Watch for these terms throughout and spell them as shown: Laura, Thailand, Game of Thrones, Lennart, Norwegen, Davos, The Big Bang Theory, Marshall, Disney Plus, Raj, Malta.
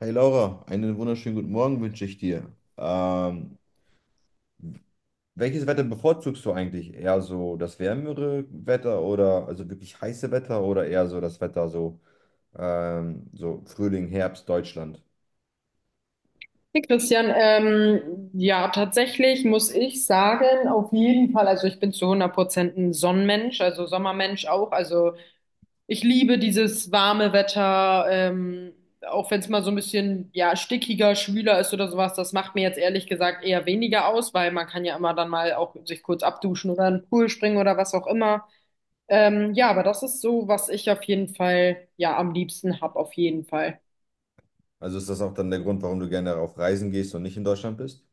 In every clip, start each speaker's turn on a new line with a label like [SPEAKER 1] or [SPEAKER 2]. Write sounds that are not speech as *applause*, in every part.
[SPEAKER 1] Hey Laura, einen wunderschönen guten Morgen wünsche ich dir. Ähm, Welches Wetter bevorzugst du eigentlich? Eher so das wärmere Wetter oder also wirklich heiße Wetter oder eher so das Wetter so, so Frühling, Herbst, Deutschland?
[SPEAKER 2] Hey Christian, ja, tatsächlich muss ich sagen, auf jeden Fall, also ich bin zu 100% ein Sonnenmensch, also Sommermensch auch. Also ich liebe dieses warme Wetter, auch wenn es mal so ein bisschen, ja, stickiger, schwüler ist oder sowas. Das macht mir jetzt ehrlich gesagt eher weniger aus, weil man kann ja immer dann mal auch sich kurz abduschen oder in den Pool springen oder was auch immer. Ja, aber das ist so, was ich auf jeden Fall, ja, am liebsten hab, auf jeden Fall.
[SPEAKER 1] Also ist das auch dann der Grund, warum du gerne auf Reisen gehst und nicht in Deutschland bist?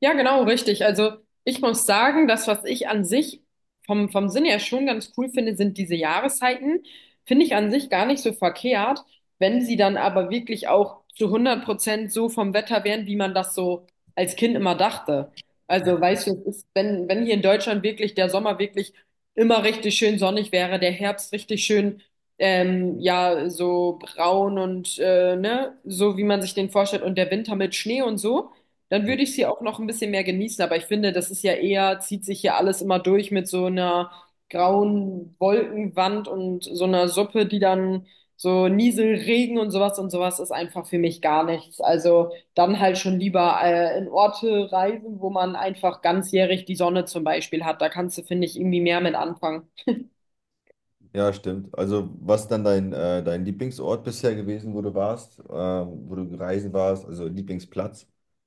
[SPEAKER 2] Ja, genau, richtig. Also ich muss sagen, das, was ich an sich vom Sinn her schon ganz cool finde, sind diese Jahreszeiten. Finde ich an sich gar nicht so verkehrt, wenn sie dann aber wirklich auch zu 100% so vom Wetter wären, wie man das so als Kind immer dachte. Also weißt du, es ist, wenn hier in Deutschland wirklich der Sommer wirklich immer richtig schön sonnig wäre, der Herbst richtig schön, ja, so braun und ne, so wie man sich den vorstellt und der Winter mit Schnee und so, dann würde ich sie auch noch ein bisschen mehr genießen, aber ich finde, das ist ja eher, zieht sich hier alles immer durch mit so einer grauen Wolkenwand und so einer Suppe, die dann so Nieselregen und sowas ist einfach für mich gar nichts. Also dann halt schon lieber in Orte reisen, wo man einfach ganzjährig die Sonne zum Beispiel hat. Da kannst du, finde ich, irgendwie mehr mit anfangen.
[SPEAKER 1] Ja, stimmt. Also was ist dann dein, dein Lieblingsort bisher gewesen, wo du warst, wo du reisen warst, also Lieblingsplatz,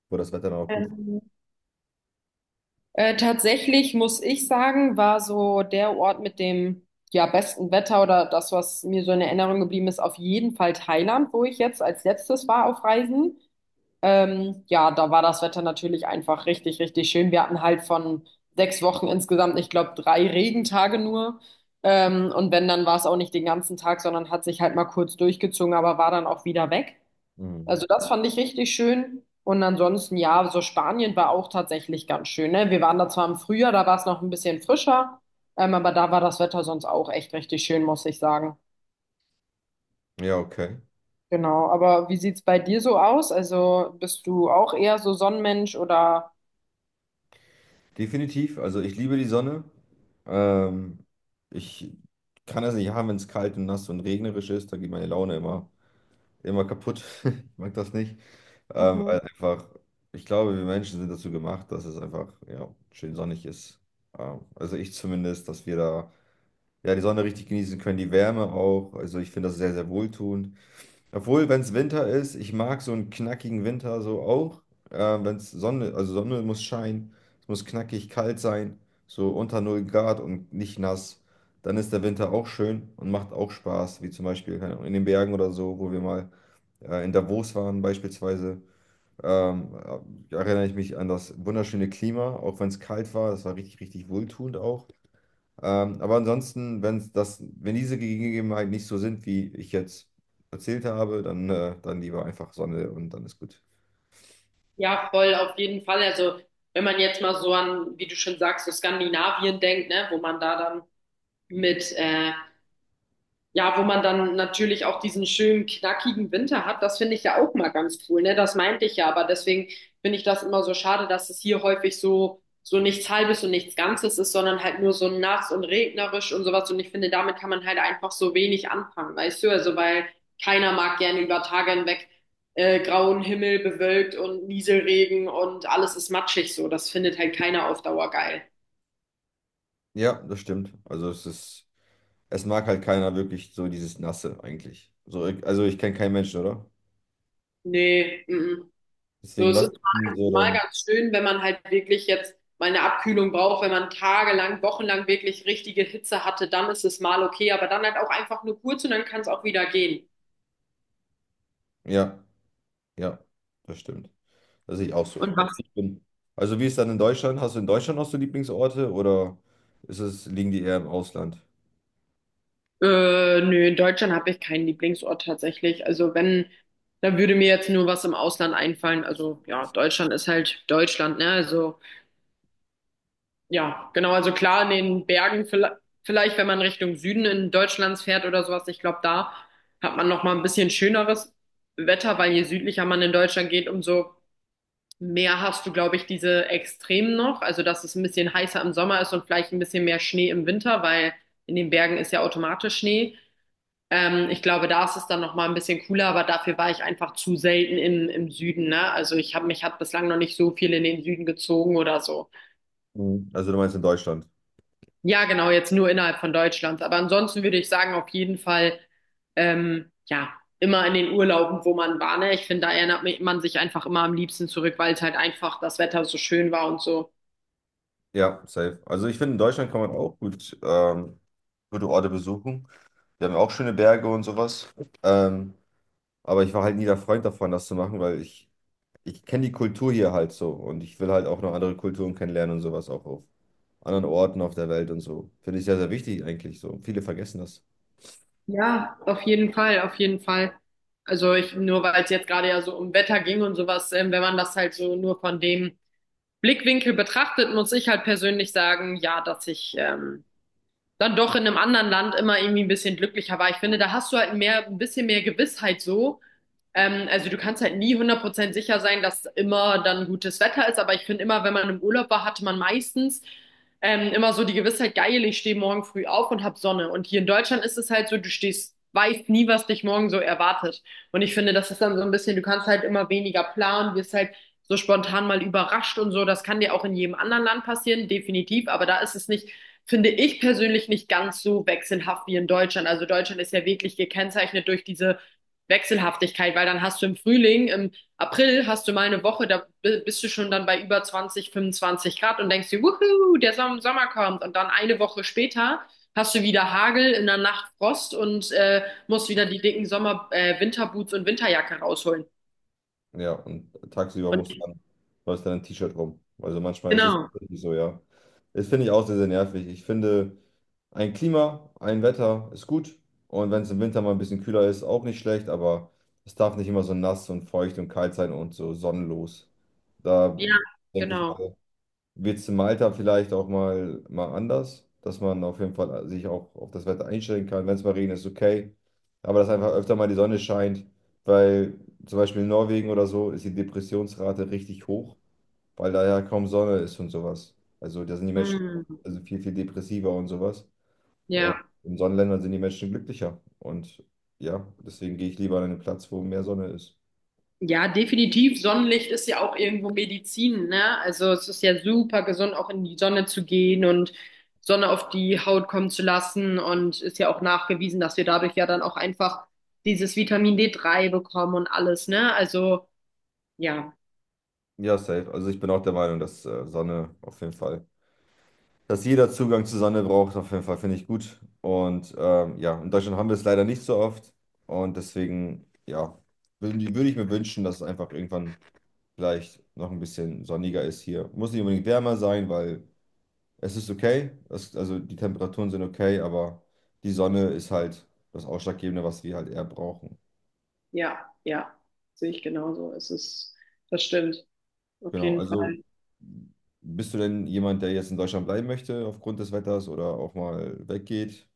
[SPEAKER 1] wo das Wetter dann auch gut war?
[SPEAKER 2] Ähm, Tatsächlich muss ich sagen, war so der Ort mit dem ja, besten Wetter oder das, was mir so in Erinnerung geblieben ist, auf jeden Fall Thailand, wo ich jetzt als letztes war auf Reisen. Ja, da war das Wetter natürlich einfach richtig, richtig schön. Wir hatten halt von 6 Wochen insgesamt, ich glaube, 3 Regentage nur. Und wenn, dann war es auch nicht den ganzen Tag, sondern hat sich halt mal kurz durchgezogen, aber war dann auch wieder weg.
[SPEAKER 1] Mhm.
[SPEAKER 2] Also das fand ich richtig schön. Und ansonsten, ja, so Spanien war auch tatsächlich ganz schön, ne? Wir waren da zwar im Frühjahr, da war es noch ein bisschen frischer, aber da war das Wetter sonst auch echt richtig schön, muss ich sagen.
[SPEAKER 1] Ja, okay.
[SPEAKER 2] Genau, aber wie sieht's bei dir so aus? Also bist du auch eher so Sonnenmensch oder?
[SPEAKER 1] Definitiv. Also ich liebe die Sonne. Ähm, Ich kann es nicht haben, wenn es kalt und nass und regnerisch ist. Da geht meine Laune immer kaputt. *laughs* Ich mag das nicht. Weil
[SPEAKER 2] Mhm.
[SPEAKER 1] ich glaube, wir Menschen sind dazu gemacht, dass es einfach ja, schön sonnig ist. Also ich zumindest, dass wir da ja, die Sonne richtig genießen können, die Wärme auch. Also ich finde das sehr, sehr wohltuend. Obwohl, wenn es Winter ist, ich mag so einen knackigen Winter so auch. Äh, Wenn es Sonne, also Sonne muss scheinen, es muss knackig kalt sein, so unter null Grad und nicht nass, dann ist der Winter auch schön und macht auch Spaß, wie zum Beispiel keine Ahnung, in den Bergen oder so, wo wir mal in Davos waren beispielsweise. Ähm, Erinnere ich mich an das wunderschöne Klima, auch wenn es kalt war, das war richtig, richtig wohltuend auch. Aber ansonsten, wenn das, wenn diese Gegebenheiten nicht so sind, wie ich jetzt erzählt habe, dann, dann lieber einfach Sonne und dann ist gut.
[SPEAKER 2] Ja, voll, auf jeden Fall. Also, wenn man jetzt mal so an, wie du schon sagst, so Skandinavien denkt, ne, wo man da dann mit ja, wo man dann natürlich auch diesen schönen, knackigen Winter hat, das finde ich ja auch mal ganz cool, ne? Das meinte ich ja, aber deswegen finde ich das immer so schade, dass es hier häufig so, so nichts Halbes und nichts Ganzes ist, sondern halt nur so nass und regnerisch und sowas. Und ich finde, damit kann man halt einfach so wenig anfangen, weißt du? Also, weil keiner mag gerne über Tage hinweg grauen Himmel, bewölkt und Nieselregen und alles ist matschig so. Das findet halt keiner auf Dauer geil.
[SPEAKER 1] Ja, das stimmt. Also es ist, es mag halt keiner wirklich so dieses Nasse eigentlich. So, also ich kenne keinen Menschen, oder?
[SPEAKER 2] Nee, mm, mm. So,
[SPEAKER 1] Deswegen
[SPEAKER 2] es
[SPEAKER 1] was?
[SPEAKER 2] ist
[SPEAKER 1] Denn
[SPEAKER 2] mal,
[SPEAKER 1] so
[SPEAKER 2] mal
[SPEAKER 1] dann,
[SPEAKER 2] ganz schön, wenn man halt wirklich jetzt mal eine Abkühlung braucht, wenn man tagelang, wochenlang wirklich richtige Hitze hatte, dann ist es mal okay, aber dann halt auch einfach nur kurz und dann kann es auch wieder gehen.
[SPEAKER 1] ja, ja, das stimmt. Das sehe ich auch so.
[SPEAKER 2] Und
[SPEAKER 1] Also,
[SPEAKER 2] was?
[SPEAKER 1] ich bin, also wie ist dann in Deutschland? Hast du in Deutschland auch so Lieblingsorte oder ist es, liegen die eher im Ausland?
[SPEAKER 2] Nö, in Deutschland habe ich keinen Lieblingsort tatsächlich. Also wenn, da würde mir jetzt nur was im Ausland einfallen. Also ja, Deutschland ist halt Deutschland, ne? Also ja, genau. Also klar, in den Bergen, vielleicht wenn man Richtung Süden in Deutschlands fährt oder sowas, ich glaube, da hat man noch mal ein bisschen schöneres Wetter, weil je südlicher man in Deutschland geht, umso mehr hast du, glaube ich, diese Extremen noch. Also, dass es ein bisschen heißer im Sommer ist und vielleicht ein bisschen mehr Schnee im Winter, weil in den Bergen ist ja automatisch Schnee. Ich glaube, da ist es dann noch mal ein bisschen cooler, aber dafür war ich einfach zu selten in, im Süden, ne? Also, ich habe mich hat bislang noch nicht so viel in den Süden gezogen oder so.
[SPEAKER 1] Mhm. Also du meinst in Deutschland?
[SPEAKER 2] Ja, genau, jetzt nur innerhalb von Deutschland. Aber ansonsten würde ich sagen, auf jeden Fall, ja, immer in den Urlauben, wo man war, ne? Ich finde, da erinnert man sich einfach immer am liebsten zurück, weil es halt einfach das Wetter so schön war und so.
[SPEAKER 1] Ja, safe. Also ich finde, in Deutschland kann man auch gut gute Orte besuchen. Wir haben ja auch schöne Berge und sowas. Ähm, aber ich war halt nie der Freund davon, das zu machen, ich kenne die Kultur hier halt so und ich will halt auch noch andere Kulturen kennenlernen und sowas auch auf anderen Orten auf der Welt und so. Finde ich sehr, sehr wichtig eigentlich so. Viele vergessen das.
[SPEAKER 2] Ja, auf jeden Fall, auf jeden Fall. Also ich, nur weil es jetzt gerade ja so um Wetter ging und sowas, wenn man das halt so nur von dem Blickwinkel betrachtet, muss ich halt persönlich sagen, ja, dass ich, dann doch in einem anderen Land immer irgendwie ein bisschen glücklicher war. Ich finde, da hast du halt mehr, ein bisschen mehr Gewissheit so. Also du kannst halt nie 100% sicher sein, dass immer dann gutes Wetter ist, aber ich finde immer, wenn man im Urlaub war, hatte man meistens immer so die Gewissheit, geil, ich stehe morgen früh auf und hab Sonne. Und hier in Deutschland ist es halt so, du stehst, weißt nie, was dich morgen so erwartet. Und ich finde, das ist dann so ein bisschen, du kannst halt immer weniger planen, wirst halt so spontan mal überrascht und so. Das kann dir auch in jedem anderen Land passieren, definitiv, aber da ist es nicht finde ich persönlich nicht ganz so wechselhaft wie in Deutschland. Also Deutschland ist ja wirklich gekennzeichnet durch diese Wechselhaftigkeit, weil dann hast du im Frühling, im April hast du mal eine Woche, da bist du schon dann bei über 20, 25 Grad und denkst dir, wuhu, der Sommer kommt. Und dann eine Woche später hast du wieder Hagel, in der Nacht Frost und musst wieder die dicken Winterboots und Winterjacke rausholen.
[SPEAKER 1] Ja, und tagsüber
[SPEAKER 2] Und
[SPEAKER 1] musst du dann, läufst dann ein T-Shirt rum. Also manchmal ist es
[SPEAKER 2] genau,
[SPEAKER 1] tatsächlich so, ja. Das finde ich auch sehr, sehr nervig. Ich finde, ein Klima, ein Wetter ist gut. Und wenn es im Winter mal ein bisschen kühler ist, auch nicht schlecht, aber es darf nicht immer so nass und feucht und kalt sein und so sonnenlos. Da
[SPEAKER 2] ja,
[SPEAKER 1] denke ich
[SPEAKER 2] genau.
[SPEAKER 1] mal, wird es in Malta vielleicht auch mal, mal anders, dass man auf jeden Fall sich auch auf das Wetter einstellen kann. Wenn es mal regnet, ist okay. Aber dass einfach öfter mal die Sonne scheint, weil zum Beispiel in Norwegen oder so ist die Depressionsrate richtig hoch, weil da ja kaum Sonne ist und sowas. Also da sind die Menschen auch-
[SPEAKER 2] Hm,
[SPEAKER 1] also viel, viel depressiver und sowas. Und
[SPEAKER 2] ja.
[SPEAKER 1] in Sonnenländern sind die Menschen glücklicher. Und ja, deswegen gehe ich lieber an einen Platz, wo mehr Sonne ist.
[SPEAKER 2] Ja, definitiv. Sonnenlicht ist ja auch irgendwo Medizin, ne? Also es ist ja super gesund, auch in die Sonne zu gehen und Sonne auf die Haut kommen zu lassen. Und ist ja auch nachgewiesen, dass wir dadurch ja dann auch einfach dieses Vitamin D3 bekommen und alles, ne? Also ja,
[SPEAKER 1] Ja, safe. Also ich bin auch der Meinung, dass Sonne auf jeden Fall. Dass jeder Zugang zu Sonne braucht, auf jeden Fall finde ich gut. Und ja, in Deutschland haben wir es leider nicht so oft. Und deswegen, ja, würde ich mir wünschen, dass es einfach irgendwann vielleicht noch ein bisschen sonniger ist hier. Muss nicht unbedingt wärmer sein, weil es ist okay. Es, also die Temperaturen sind okay, aber die Sonne ist halt das Ausschlaggebende, was wir halt eher brauchen.
[SPEAKER 2] ja, sehe ich genauso. Es ist, das stimmt, auf
[SPEAKER 1] Genau,
[SPEAKER 2] jeden Fall.
[SPEAKER 1] also bist du denn jemand, der jetzt in Deutschland bleiben möchte aufgrund des Wetters oder auch mal weggeht?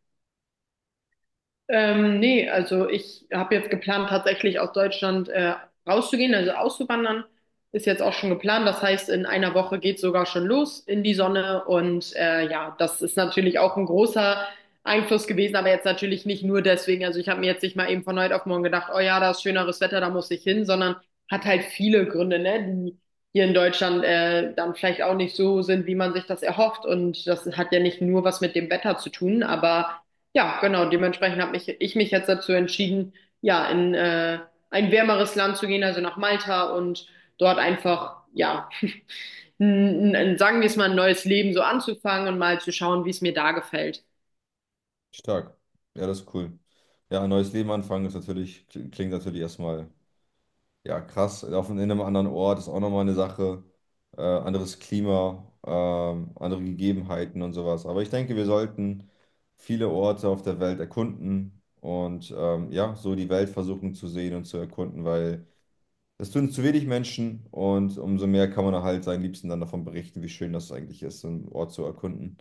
[SPEAKER 2] Nee, also ich habe jetzt geplant, tatsächlich aus Deutschland rauszugehen, also auszuwandern. Ist jetzt auch schon geplant. Das heißt, in einer Woche geht's sogar schon los in die Sonne. Und ja, das ist natürlich auch ein großer Einfluss gewesen, aber jetzt natürlich nicht nur deswegen. Also ich habe mir jetzt nicht mal eben von heute auf morgen gedacht, oh ja, da ist schöneres Wetter, da muss ich hin, sondern hat halt viele Gründe, ne, die hier in Deutschland dann vielleicht auch nicht so sind, wie man sich das erhofft. Und das hat ja nicht nur was mit dem Wetter zu tun, aber ja, genau. Dementsprechend habe ich mich jetzt dazu entschieden, ja, in ein wärmeres Land zu gehen, also nach Malta und dort einfach, ja, sagen wir es mal, ein neues Leben so anzufangen und mal zu schauen, wie es mir da gefällt.
[SPEAKER 1] Stark. Ja, das ist cool. Ja, ein neues Leben anfangen ist natürlich, klingt natürlich erstmal ja krass. Auf in einem anderen Ort ist auch nochmal eine Sache. Anderes Klima, andere Gegebenheiten und sowas. Aber ich denke, wir sollten viele Orte auf der Welt erkunden und ja, so die Welt versuchen zu sehen und zu erkunden, weil das tun zu wenig Menschen und umso mehr kann man halt seinen Liebsten dann davon berichten, wie schön das eigentlich ist, so einen Ort zu erkunden.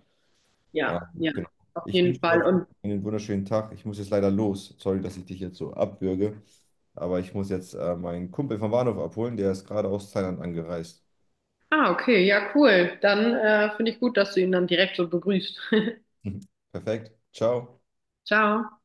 [SPEAKER 2] Ja,
[SPEAKER 1] Genau.
[SPEAKER 2] auf
[SPEAKER 1] Ich
[SPEAKER 2] jeden
[SPEAKER 1] wünsche dir auf
[SPEAKER 2] Fall.
[SPEAKER 1] jeden
[SPEAKER 2] Und,
[SPEAKER 1] Fall einen wunderschönen Tag. Ich muss jetzt leider los. Sorry, dass ich dich jetzt so abwürge. Aber ich muss jetzt meinen Kumpel vom Bahnhof abholen. Der ist gerade aus Thailand angereist.
[SPEAKER 2] ah, okay, ja, cool. Dann finde ich gut, dass du ihn dann direkt so begrüßt.
[SPEAKER 1] *laughs* Perfekt. Ciao.
[SPEAKER 2] *laughs* Ciao.